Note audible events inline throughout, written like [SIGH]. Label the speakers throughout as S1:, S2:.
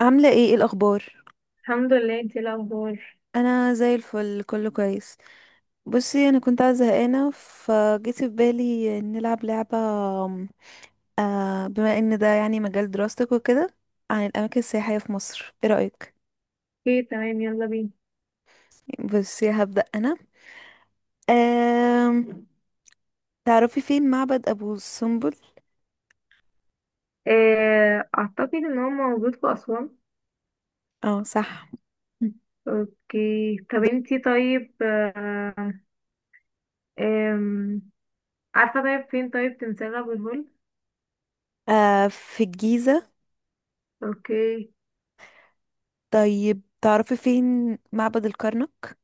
S1: عاملة ايه ايه الأخبار؟
S2: الحمد لله، انتي ايه الاخبار؟
S1: أنا زي الفل، كله كويس. بصي، أنا كنت قاعدة زهقانة فجيت في بالي نلعب لعبة، آه، بما ان ده يعني مجال دراستك وكده، عن الأماكن السياحية في مصر، ايه رأيك؟
S2: ايه، تمام، يلا بينا.
S1: بصي هبدأ أنا. آم... تعرفي فين معبد أبو سمبل؟
S2: اعتقد ان هو موجود في اسوان.
S1: اه صح.
S2: اوكي، طب انتي طيب آه، آم، عارفه طيب فين طيب تمثال ابو الهول؟
S1: آه، في الجيزة.
S2: اوكي.
S1: طيب تعرفي فين معبد الكرنك؟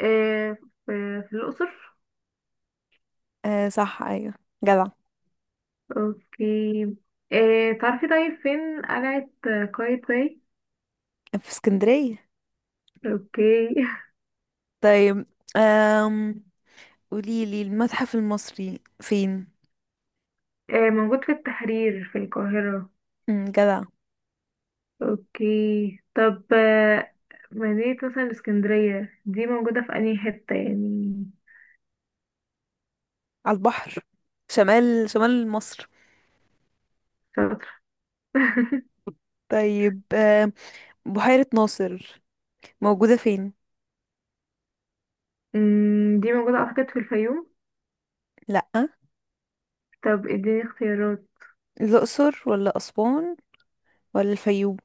S2: آه، في الاقصر.
S1: آه صح، أيوه، جدع.
S2: اوكي. تعرفي طيب فين قلعه قايتباي؟
S1: في اسكندرية.
S2: اوكي. [LAUGHS]
S1: طيب، آم... قوليلي المتحف المصري فين.
S2: موجود في التحرير في القاهره.
S1: مم، جدع.
S2: اوكي، طب مدينة مثلا الإسكندرية دي موجودة في أنهي حتة يعني؟
S1: على البحر، شمال شمال مصر.
S2: شاطر. [LAUGHS]
S1: طيب بحيرة ناصر موجودة فين؟
S2: دي موجودة أعتقد في الفيوم.
S1: لأ.
S2: طب اديني اختيارات.
S1: الأقصر ولا أسوان ولا الفيوم؟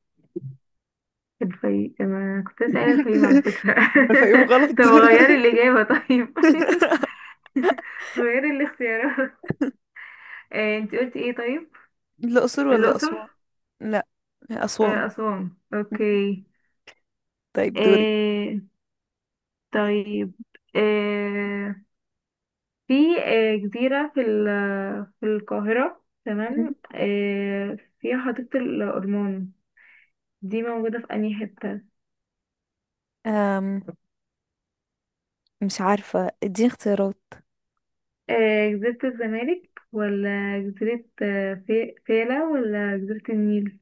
S2: الفيوم، أنا كنت لسه قايلة الفيوم على
S1: [LAUGHS]
S2: فكرة. [LAUGHS]
S1: الفيوم غلط.
S2: طب غيري الإجابة طيب.
S1: [LAUGHS]
S2: [LAUGHS] غيري الاختيارات. انت قلتي ايه طيب؟
S1: الأقصر ولا
S2: الأقصر.
S1: أسوان؟ لأ، أسوان.
S2: أسوان، اوكي.
S1: طيب دوري.
S2: آه، طيب، آه، في جزيرة في في القاهرة
S1: مم.
S2: تمام، فيها حديقة الأورمان. دي موجودة في أنهي حتة؟
S1: أم، مش عارفة، اديني اختيارات.
S2: جزيرة الزمالك ولا جزيرة فيلة ولا جزيرة النيل؟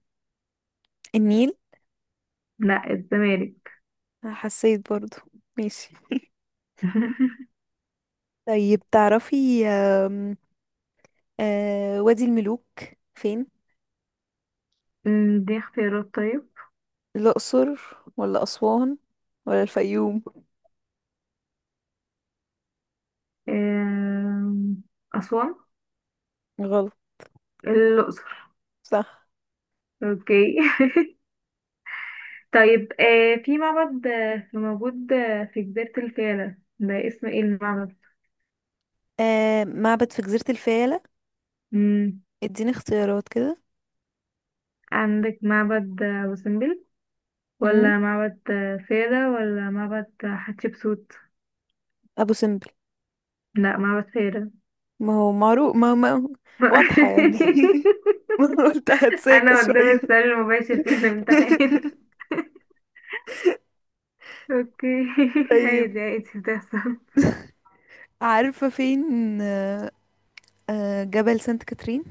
S1: النيل.
S2: لا، الزمالك.
S1: حسيت برضو. ماشي.
S2: [LAUGHS]
S1: طيب تعرفي وادي الملوك فين؟
S2: دي اختيارات طيب.
S1: الأقصر ولا أسوان ولا الفيوم؟
S2: آم، أسوان.
S1: غلط.
S2: الأقصر.
S1: صح.
S2: اوكي. [LAUGHS] طيب، في معبد موجود في جزيرة الفيلة، ده اسمه ايه المعبد؟
S1: آه، معبد في جزيرة الفيلة، اديني اختيارات كده.
S2: عندك معبد وسمبل
S1: امم،
S2: ولا معبد فيلة ولا معبد حتشبسوت؟
S1: أبو سمبل.
S2: لا، معبد فيلة.
S1: ما هو معروف، ما واضحة يعني.
S2: [LAUGHS]
S1: [LAUGHS] ما أنا قلت هتساكى
S2: انا قدام
S1: شوية.
S2: السؤال المباشر في الامتحان.
S1: [LAUGHS]
S2: [LAUGHS] اوكي. [LAUGHS]
S1: طيب،
S2: عادي عادي، بتحصل.
S1: عارفة فين آه، جبل سانت كاترين؟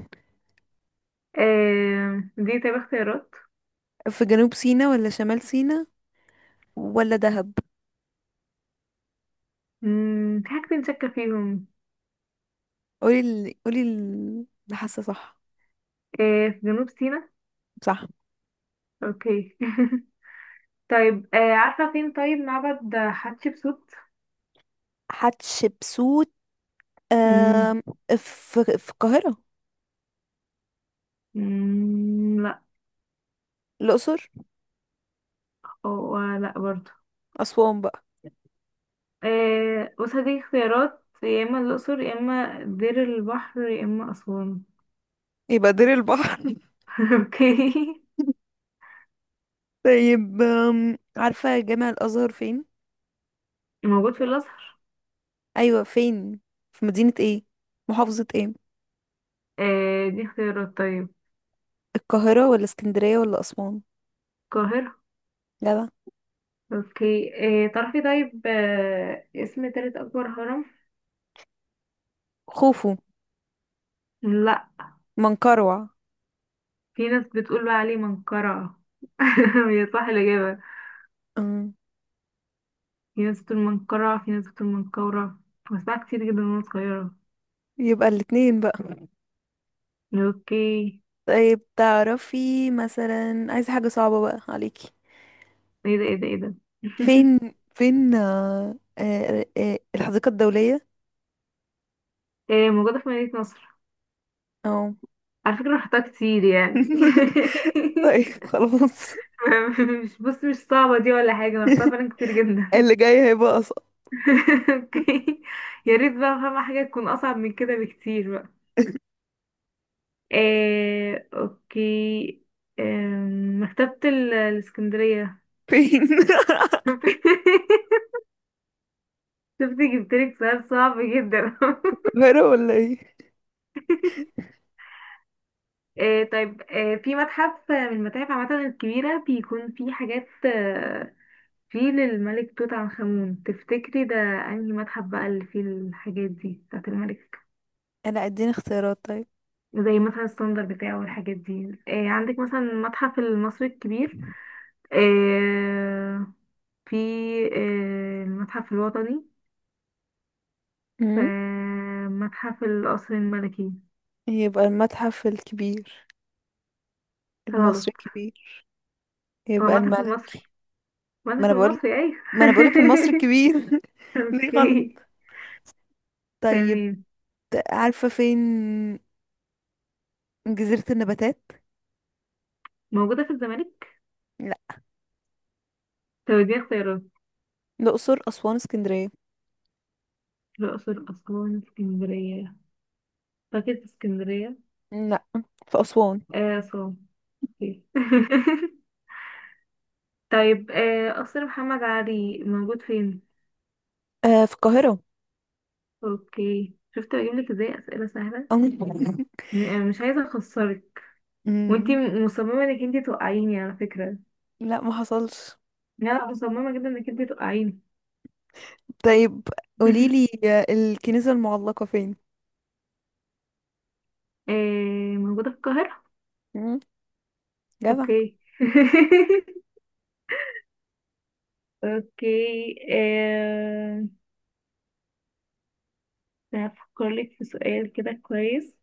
S2: دي طيب اختيارات.
S1: في جنوب سيناء ولا شمال سيناء ولا دهب؟
S2: في حاجتين شاكة فيهم.
S1: قولي ال... قولي ال- اللي حاسة صح.
S2: في جنوب سيناء.
S1: صح.
S2: اوكي. [LAUGHS] طيب، عارفة فين طيب معبد حتشبسوت؟
S1: حتشبسوت،
S2: مم.
S1: آم، في في القاهرة.
S2: مم، لا.
S1: الأقصر.
S2: أو لا برضه.
S1: أسوان بقى.
S2: بص، هديك اختيارات: يا اما الاقصر، يا اما دير البحر، يا اما اسوان.
S1: يبقى دير البحر. [LAUGHS]
S2: [LAUGHS] اوكي.
S1: طيب عارفة جامع الأزهر فين؟
S2: موجود في الازهر.
S1: أيوة فين؟ في مدينة ايه؟ محافظة ايه؟
S2: دي اختيارات طيب.
S1: القاهرة ولا اسكندرية ولا أسوان؟
S2: القاهره.
S1: جدع.
S2: اوكي. تعرفي طيب اسم تالت اكبر هرم؟
S1: خوفو.
S2: لا.
S1: منقروع.
S2: في ناس بتقول بقى عليه منقرع. [LAUGHS] هي صح الاجابه؟
S1: أم،
S2: في ناس بتقول منقرع، في ناس بتقول منقورة. بسمعها كتير جدا وانا صغيره.
S1: يبقى الاتنين بقى.
S2: اوكي.
S1: طيب تعرفي مثلا، عايزة حاجة صعبة بقى عليكي.
S2: ايه ده، ايه ده، ايه ده! [LAUGHS]
S1: فين، فين الحديقة الدولية؟
S2: موجوده في مدينه نصر.
S1: اه.
S2: على فكرة رحتها كتير يعني.
S1: [LAUGHS] طيب خلاص.
S2: [LAUGHS] مش، بص، مش صعبة دي ولا حاجة، أنا رحتها
S1: [LAUGHS]
S2: فعلا كتير جدا.
S1: اللي جاي هيبقى أصعب.
S2: [LAUGHS] اوكي. يا ريت بقى فاهمة حاجة تكون أصعب من كده بكتير بقى. اوكي. مكتبة الإسكندرية.
S1: فين؟ [LAUGHS]
S2: [LAUGHS] شفتي جبتلك سؤال صعب جدا. [LAUGHS]
S1: القاهرة ولا ايه؟
S2: إيه طيب، إيه، في متحف من المتاحف عامة الكبيرة بيكون فيه حاجات فيل الملك توت عنخ آمون، تفتكري ده انهي متحف بقى اللي فيه الحاجات دي بتاعت الملك؟
S1: انا اديني اختيارات طيب.
S2: زي مثلا الصندل بتاعه والحاجات دي. إيه، عندك مثلا المتحف المصري الكبير. إيه، في، إيه، المتحف الوطني. ف-
S1: امم،
S2: متحف القصر الملكي.
S1: يبقى المتحف الكبير،
S2: غلط.
S1: المصري الكبير.
S2: هو
S1: يبقى
S2: المتحف
S1: الملك.
S2: المصري.
S1: ما
S2: المتحف
S1: انا بقول،
S2: المصري، ايوه.
S1: ما انا بقولك المصري الكبير. [LAUGHS]
S2: [LAUGHS]
S1: ليه غلط؟
S2: اوكي.
S1: طيب،
S2: تمام.
S1: عارفة فين جزيرة النباتات؟
S2: موجودة في الزمالك.
S1: لا.
S2: طب دي اختيارات.
S1: الأقصر، أسوان، اسكندرية.
S2: الأقصر، أسوان، اسكندرية. فاكر اسكندرية.
S1: لا، في أسوان.
S2: آه صح. اوكي. [LAUGHS] طيب، قصر محمد علي موجود فين؟
S1: آه، في القاهرة.
S2: اوكي، شفت بجيبلك ازاي اسئله سهله.
S1: أم. [LAUGHS]
S2: مش عايزه اخسرك. وانتي
S1: مم.
S2: مصممه انك انتي توقعيني على فكره.
S1: لا، ما حصلش.
S2: لا لا، مصممه جدا انك انتي توقعيني.
S1: طيب قوليلي
S2: [LAUGHS]
S1: الكنيسة المعلقة فين.
S2: موجوده في القاهره.
S1: مم، جدع.
S2: اوكي. [LAUGHS] اوكي، هفكر لك في سؤال كده كويس.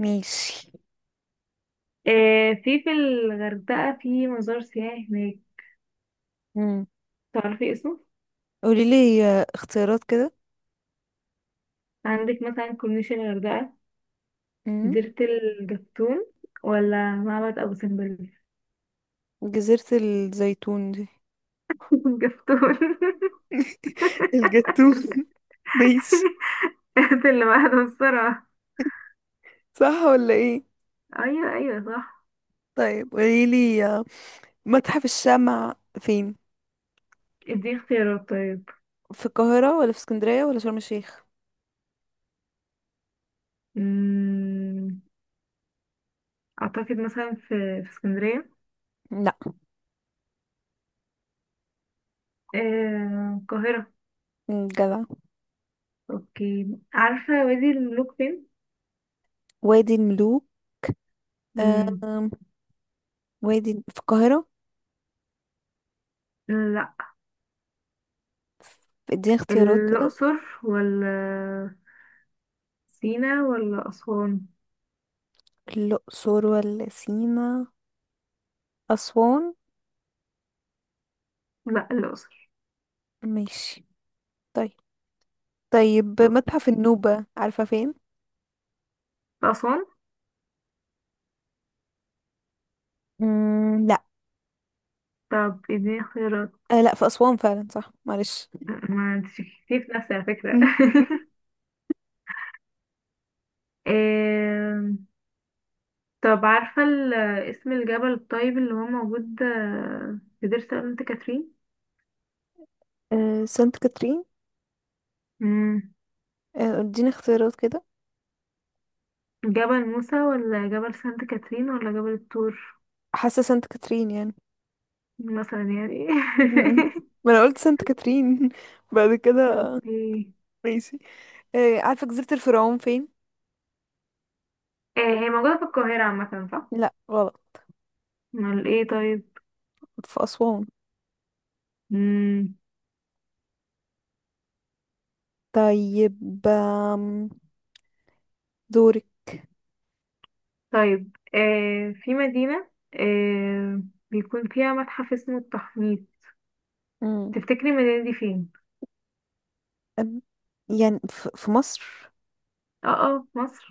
S1: ماشي.
S2: في الغردقه في مزار سياحي هناك.
S1: مم.
S2: تعرفي اسمه؟
S1: قوليلي اختيارات كده.
S2: عندك مثلا كورنيش الغردقه،
S1: مم.
S2: جزيرة الجفتون، ولا معبد أبو سمبل.
S1: جزيرة الزيتون دي.
S2: [LAUGHS] الجفتون. [LAUGHS]
S1: [LAUGHS] الجتون. [LAUGHS] ماشي.
S2: هات اللي بعده بسرعة.
S1: صح ولا ايه؟
S2: أيوه، أيوه، صح.
S1: طيب قوليلي متحف الشمع فين.
S2: ادي اختيارات طيب.
S1: في القاهرة ولا في اسكندرية ولا شرم الشيخ؟
S2: أمم، أعتقد مثلا في اسكندرية.
S1: لا.
S2: القاهرة.
S1: مم، جدع.
S2: أوكي، عارفة وادي الملوك فين؟
S1: وادي الملوك.
S2: أمم،
S1: أم... وادي في القاهرة.
S2: لا.
S1: اديني اختيارات كده.
S2: الأقصر ولا سينا ولا أسوان؟
S1: الأقصر ولا سينا، أسوان.
S2: لا، الأقصر.
S1: ماشي. طيب. طيب، متحف النوبة عارفة فين؟
S2: أسوان.
S1: مم، لا.
S2: طب اديني اختيارات.
S1: آه لا، في أسوان فعلا، صح، معلش.
S2: ما انت شكيتي في نفسي على فكرة.
S1: مم.
S2: [LAUGHS] آه، طب عارفة اسم الجبل الطيب اللي هو موجود في دير سانت كاترين؟
S1: آه، سانت كاترين.
S2: مم.
S1: آه، اديني اختيارات كده.
S2: جبل موسى ولا جبل سانت كاترين ولا جبل الطور؟
S1: حاسة سانت كاترين يعني.
S2: مثلا يعني.
S1: م- م.
S2: [LAUGHS]
S1: ما انا قلت سانت كاترين. [LAUGHS] بعد كده
S2: اوكي.
S1: ماشي. آه، عارفة جزيرة الفرعون فين؟
S2: هي موجودة في القاهرة عامة، صح؟
S1: لا غلط.
S2: امال ايه طيب؟
S1: في أسوان.
S2: مم.
S1: طيب، دورك.
S2: طيب، في مدينة بيكون فيها متحف اسمه التحنيط.
S1: مم.
S2: تفتكري المدينة دي فين؟
S1: أم، يعني في مصر.
S2: اه، اه، مصر.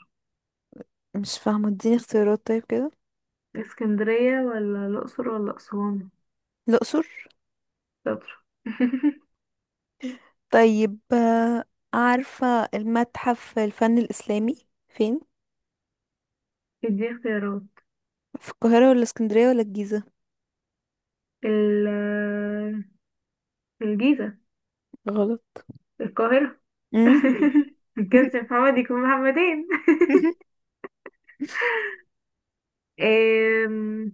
S1: مش فاهمة، اديني اختيارات طيب كده.
S2: اسكندرية ولا الأقصر ولا أسوان؟
S1: الأقصر.
S2: شاطر. [LAUGHS]
S1: طيب عارفة المتحف الفن الإسلامي فين؟
S2: دي اختيارات.
S1: في القاهرة ولا اسكندرية ولا الجيزة؟
S2: ال آه، الجيزة.
S1: غلط.
S2: القاهرة.
S1: مم.
S2: [LAUGHS] ما كانش محمد يكون محمدين.
S1: [LAUGHS]
S2: أم.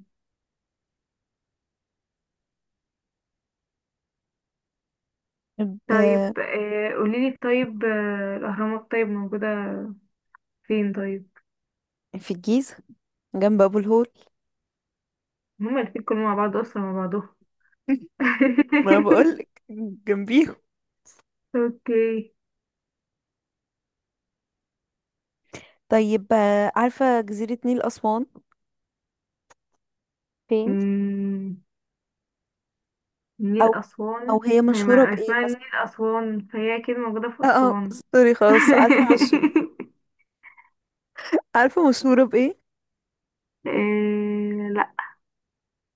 S2: طيب،
S1: آه،
S2: قوليلي طيب الأهرامات طيب موجودة فين طيب؟
S1: في الجيزة، جنب أبو الهول.
S2: هما الاتنين كانوا مع بعض أصلا مع بعضهم.
S1: ما
S2: [LAUGHS]
S1: بقولك جنبيهم.
S2: اوكي.
S1: طيب عارفة جزيرة نيل أسوان فين؟
S2: أمم،
S1: أو،
S2: نيل أسوان
S1: أو هي
S2: ما هي
S1: مشهورة بإيه
S2: اسمها نيل
S1: مثلا؟
S2: أسوان، فهي أكيد موجودة في
S1: اه اه،
S2: أسوان.
S1: سوري خلاص، عارفة، مش
S2: [LAUGHS]
S1: عارفة مشهورة بإيه؟
S2: أه،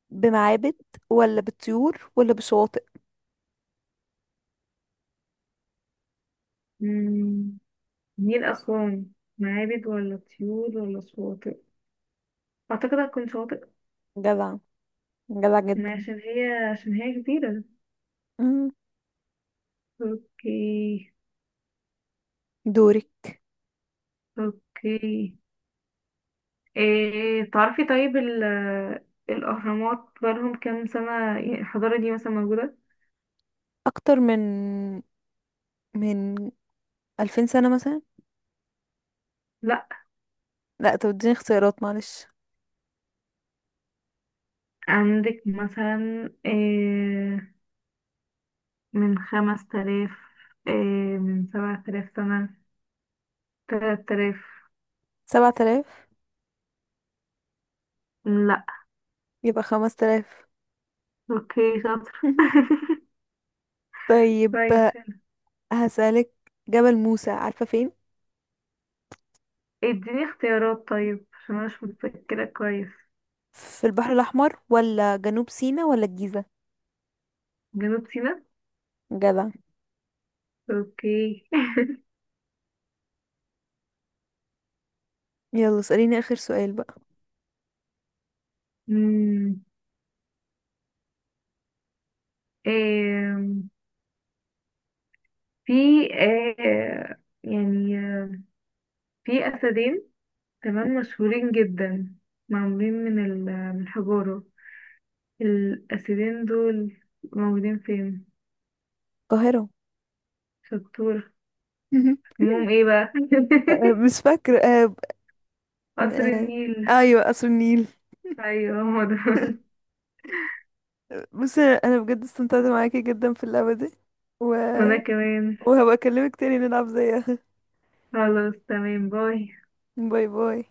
S1: بمعابد ولا بطيور ولا بشواطئ؟
S2: لا، نيل أسوان معابد ولا طيور ولا شواطئ؟ أعتقد هتكون شواطئ.
S1: جدع، جدع جدا.
S2: ما عشان هي كبيرة.
S1: مم.
S2: أوكي.
S1: دورك.
S2: أوكي. إيه، تعرفي طيب الأهرامات بقالهم كام سنة، يعني الحضارة دي مثلا موجودة؟
S1: اكتر من، من 2000 سنة مثلا.
S2: لأ.
S1: لا، طب اديني اختيارات معلش.
S2: عندك مثلا إيه، من خمس تلاف، إيه، من سبعة تلاف سنة، تلات تلاف.
S1: 7000.
S2: لأ.
S1: يبقى 5000.
S2: أوكي، شاطر.
S1: [LAUGHS]
S2: [LAUGHS]
S1: طيب
S2: كويس.
S1: هسألك، جبل موسى عارفة فين؟
S2: اديني اختيارات طيب عشان انا مش متذكرة كويس.
S1: في البحر الأحمر ولا جنوب سيناء ولا الجيزة؟
S2: جنوب سيناء.
S1: جدع.
S2: اوكي. [LAUGHS]
S1: يلا اسأليني آخر سؤال بقى.
S2: أمم، آم، في يعني في اسدين، تمام، مشهورين جدا، معمولين من من الحجارة، الاسدين دول موجودين فين؟
S1: القاهرة.
S2: شطور.
S1: [LAUGHS]
S2: اسمهم ايه بقى؟
S1: مش فاكرة.
S2: [LAUGHS]
S1: م-
S2: قصر
S1: آه،
S2: النيل.
S1: أيوة، قصر النيل. [LAUGHS]
S2: ايوه، هما دول. [LAUGHS]
S1: بصي، أنا بجد استمتعت معاكي جدا في اللعبة دي، و...
S2: وانا كمان.
S1: وهبقى أكلمك تاني نلعب زيها.
S2: خلاص، تمام، باي.
S1: [LAUGHS] باي باي.